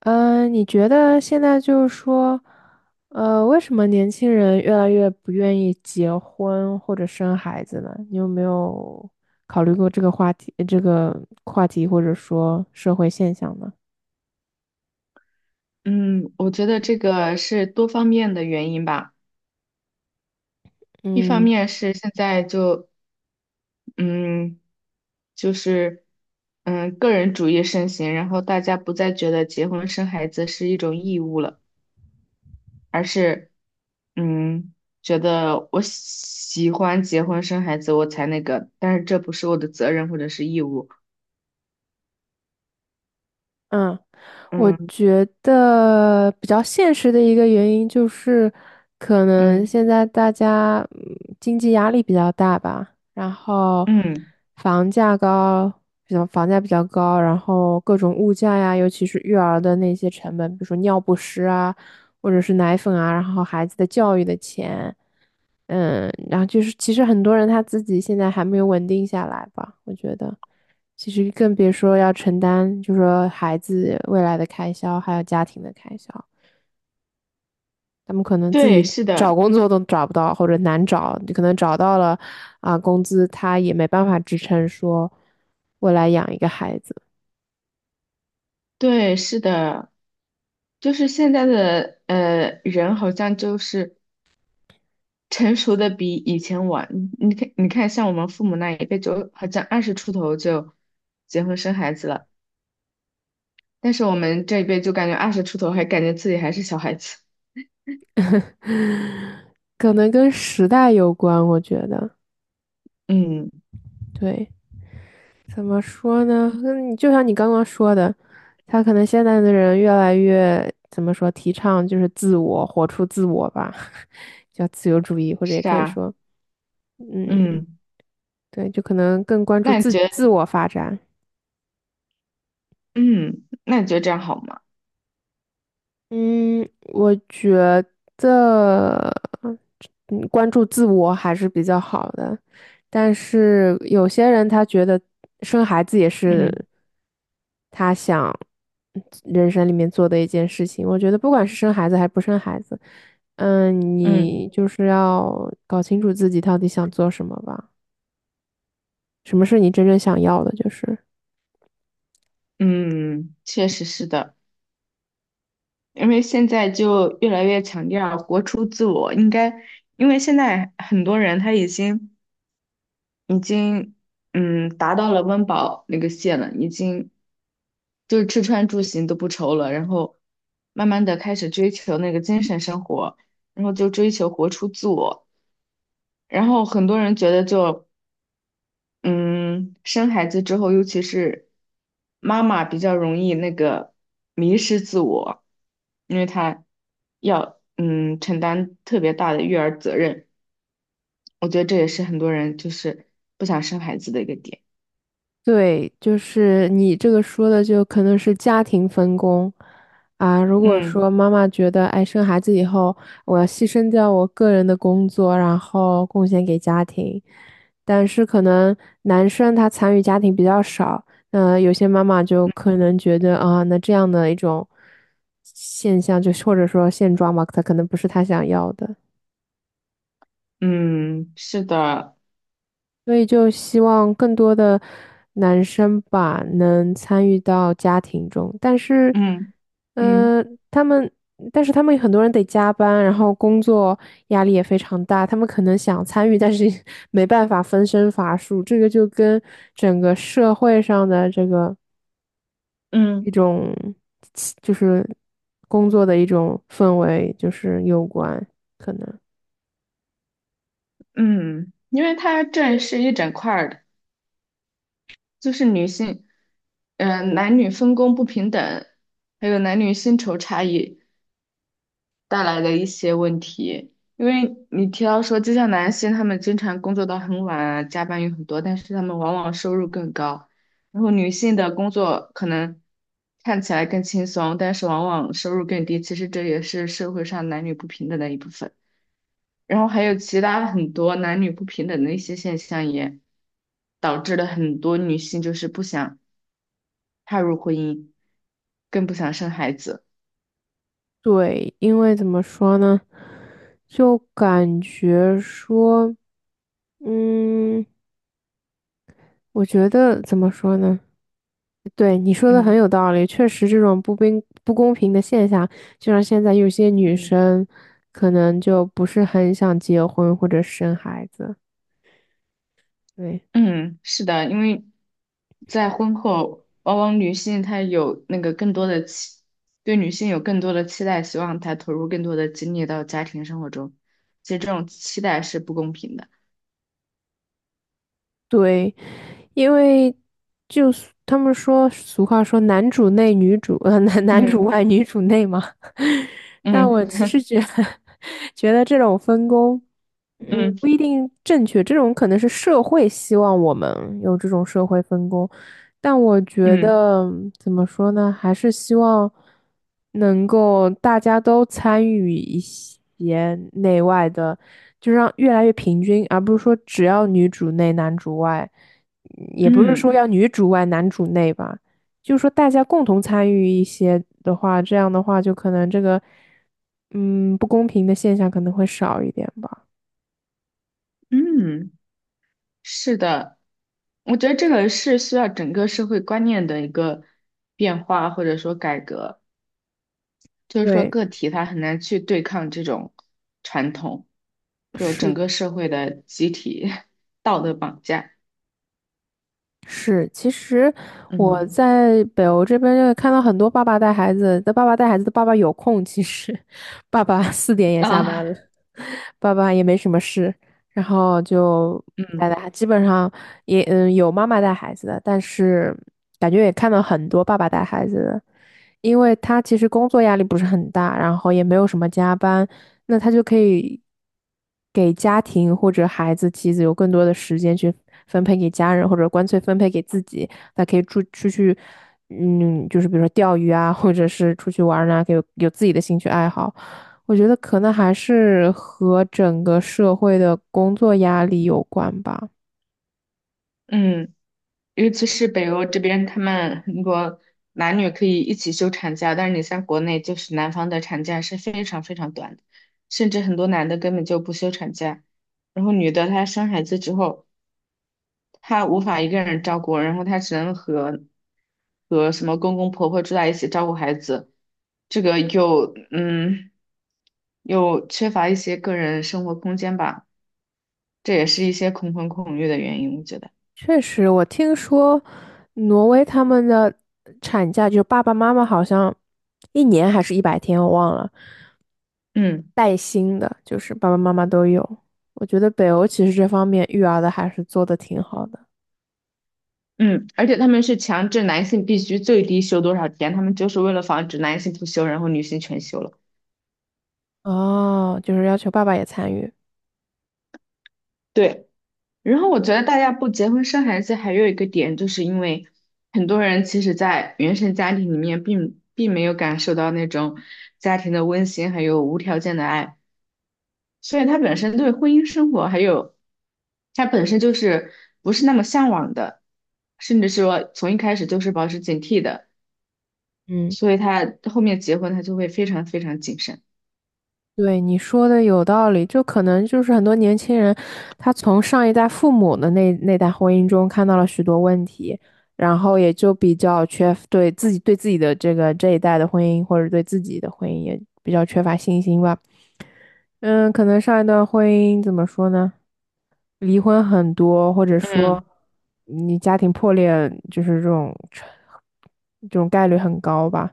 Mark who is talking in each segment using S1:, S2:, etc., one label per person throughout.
S1: 你觉得现在就是说，为什么年轻人越来越不愿意结婚或者生孩子呢？你有没有考虑过这个话题或者说社会现象呢？
S2: 嗯，我觉得这个是多方面的原因吧。一方
S1: 嗯
S2: 面是现在就嗯，就是个人主义盛行，然后大家不再觉得结婚生孩子是一种义务了，而是嗯，觉得我喜欢结婚生孩子我才那个，但是这不是我的责任或者是义务。
S1: 嗯。我
S2: 嗯
S1: 觉得比较现实的一个原因就是，可能
S2: 嗯
S1: 现在大家经济压力比较大吧，然后
S2: 嗯，
S1: 房价高，比较房价比较高，然后各种物价呀，尤其是育儿的那些成本，比如说尿不湿啊，或者是奶粉啊，然后孩子的教育的钱。然后就是，其实很多人他自己现在还没有稳定下来吧，我觉得，其实更别说要承担，就说孩子未来的开销，还有家庭的开销，他们可能自
S2: 对，
S1: 己
S2: 是
S1: 找
S2: 的，
S1: 工作都找不到，或者难找，你可能找到了，工资他也没办法支撑说未来养一个孩子，
S2: 对，是的，就是现在的人好像就是。成熟的比以前晚。你看，你看，像我们父母那一辈就好像二十出头就结婚生孩子了，但是我们这一辈就感觉二十出头还感觉自己还是小孩子。
S1: 可能跟时代有关，我觉得，
S2: 嗯，
S1: 对。怎么说呢？嗯，就像你刚刚说的，他可能现在的人越来越怎么说，提倡就是自我，活出自我吧，叫自由主义，或者也
S2: 是
S1: 可以
S2: 啊，
S1: 说，嗯，
S2: 嗯，
S1: 对，就可能更关注
S2: 那你
S1: 自
S2: 觉
S1: 自
S2: 得，
S1: 我发展。
S2: 嗯，那你觉得这样好吗？
S1: 嗯，我觉得，关注自我还是比较好的，但是有些人他觉得生孩子也是
S2: 嗯
S1: 他想人生里面做的一件事情。我觉得不管是生孩子还是不生孩子，
S2: 嗯
S1: 你就是要搞清楚自己到底想做什么吧，什么是你真正想要的，就是。
S2: 嗯，确实是的，因为现在就越来越强调活出自我，应该，因为现在很多人他已经达到了温饱那个线了，已经。就是吃穿住行都不愁了，然后慢慢的开始追求那个精神生活，然后就追求活出自我。然后很多人觉得就，嗯，生孩子之后，尤其是妈妈比较容易那个迷失自我，因为她要承担特别大的育儿责任。我觉得这也是很多人就是不想生孩子的一个点。
S1: 对，就是你这个说的，就可能是家庭分工啊。如果说
S2: 嗯
S1: 妈妈觉得，哎，生孩子以后我要牺牲掉我个人的工作，然后贡献给家庭，但是可能男生他参与家庭比较少，那有些妈妈就可能觉得那这样的一种现象，就是或者说现状吧，他可能不是他想要的。
S2: 嗯，是的，
S1: 所以就希望更多的男生吧能参与到家庭中，
S2: 嗯嗯
S1: 呃，他们，但是他们很多人得加班，然后工作压力也非常大，他们可能想参与，但是 没办法分身乏术，这个就跟整个社会上的这个
S2: 嗯。
S1: 一种就是工作的一种氛围就是有关，可能。
S2: 嗯，因为它这是一整块儿的，就是女性，嗯、男女分工不平等，还有男女薪酬差异带来的一些问题。因为你提到说，就像男性他们经常工作到很晚啊，加班有很多，但是他们往往收入更高。然后女性的工作可能看起来更轻松，但是往往收入更低。其实这也是社会上男女不平等的一部分。然后还有其他很多男女不平等的一些现象，也导致了很多女性就是不想踏入婚姻，更不想生孩子。
S1: 对，因为怎么说呢，就感觉说，嗯，我觉得怎么说呢？对，你说的很
S2: 嗯
S1: 有道理，确实这种不公平的现象，就像现在有些女
S2: 嗯
S1: 生可能就不是很想结婚或者生孩子。对。
S2: 嗯，是的，因为在婚后，往往女性她有那个更多的期，对女性有更多的期待，希望她投入更多的精力到家庭生活中。其实这种期待是不公平的。
S1: 对，因为就是他们说俗话说男
S2: 嗯
S1: 主外女主内嘛。但
S2: 嗯
S1: 我其实觉 得觉得这种分工，
S2: 嗯
S1: 不一定正确。这种可能是社会希望我们有这种社会分工，但我觉
S2: 嗯
S1: 得怎么说呢，还是希望能够大家都参与一些内外的，就让越来越平均，而不是说只要女主内男主外，也不是
S2: 嗯
S1: 说要女主外男主内吧，就是说大家共同参与一些的话，这样的话就可能这个不公平的现象可能会少一点吧。
S2: 嗯，是的，我觉得这个是需要整个社会观念的一个变化或者说改革，就是说
S1: 对，
S2: 个体他很难去对抗这种传统，就整
S1: 是
S2: 个社会的集体 道德绑架。
S1: 是，其实我
S2: 嗯
S1: 在北欧这边就看到很多爸爸带孩子的爸爸有空，其实 爸爸4点也下班
S2: 啊，
S1: 了，爸爸也没什么事，然后就带带
S2: 嗯。
S1: 孩，基本上也有妈妈带孩子的，但是感觉也看到很多爸爸带孩子的，因为他其实工作压力不是很大，然后也没有什么加班，那他就可以给家庭或者孩子、妻子有更多的时间去分配给家人，或者干脆分配给自己。他可以出去，就是比如说钓鱼啊，或者是出去玩儿啊，有自己的兴趣爱好。我觉得可能还是和整个社会的工作压力有关吧。
S2: 嗯，尤其是北欧这边，他们很多男女可以一起休产假，但是你像国内，就是男方的产假是非常非常短的，甚至很多男的根本就不休产假。然后女的她生孩子之后，她无法一个人照顾，然后她只能和什么公公婆婆住在一起照顾孩子，这个又又缺乏一些个人生活空间吧，这也是一些恐婚恐育的原因，我觉得。
S1: 确实，我听说挪威他们的产假，就爸爸妈妈好像一年还是100天，我忘了。
S2: 嗯。
S1: 带薪的，就是爸爸妈妈都有。我觉得北欧其实这方面育儿的还是做的挺好的。
S2: 嗯，而且他们是强制男性必须最低休多少天，他们就是为了防止男性不休，然后女性全休了。
S1: 哦，就是要求爸爸也参与。
S2: 对，然后我觉得大家不结婚生孩子还有一个点，就是因为很多人其实，在原生家庭里面并没有感受到那种家庭的温馨，还有无条件的爱，所以他本身对婚姻生活还有他本身就是不是那么向往的，甚至说从一开始就是保持警惕的，
S1: 嗯，
S2: 所以他后面结婚他就会非常非常谨慎。
S1: 对，你说的有道理，就可能就是很多年轻人，他从上一代父母的那代婚姻中看到了许多问题，然后也就比较缺对自己的这一代的婚姻或者对自己的婚姻也比较缺乏信心吧。嗯，可能上一段婚姻怎么说呢？离婚很多，或者说
S2: 嗯
S1: 你家庭破裂，就是这种概率很高吧。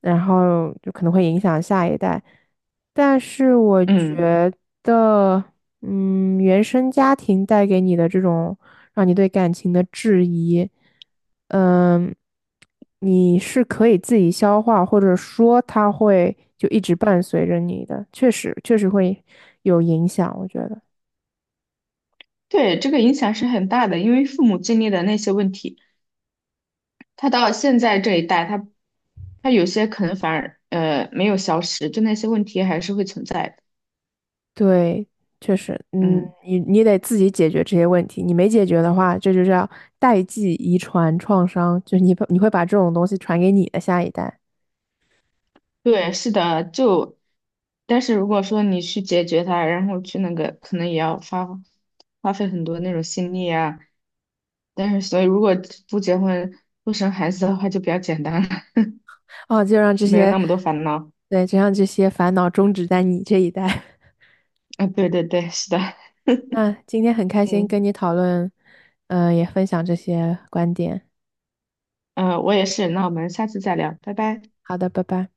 S1: 然后就可能会影响下一代。但是我
S2: 嗯，
S1: 觉得，原生家庭带给你的这种让你对感情的质疑，嗯，你是可以自己消化，或者说它会就一直伴随着你的，确实会有影响，我觉得。
S2: 对，这个影响是很大的，因为父母经历的那些问题，他到现在这一代，他有些可能反而没有消失，就那些问题还是会存在的。
S1: 对，确实，
S2: 嗯，
S1: 你得自己解决这些问题，你没解决的话，这就叫代际遗传创伤，就你会把这种东西传给你的下一代，
S2: 对，是的，就但是如果说你去解决它，然后去那个，可能也要花费很多那种心力啊。但是所以如果不结婚不生孩子的话，就比较简单了，
S1: 哦，就让这
S2: 就没有
S1: 些，
S2: 那么多烦恼。
S1: 对，就让这些烦恼终止在你这一代。
S2: 啊，对对对，是的，
S1: 那今天很开心
S2: 嗯。
S1: 跟你讨论，也分享这些观点。
S2: 嗯，我也是。那我们下次再聊，拜拜。
S1: 好的，拜拜。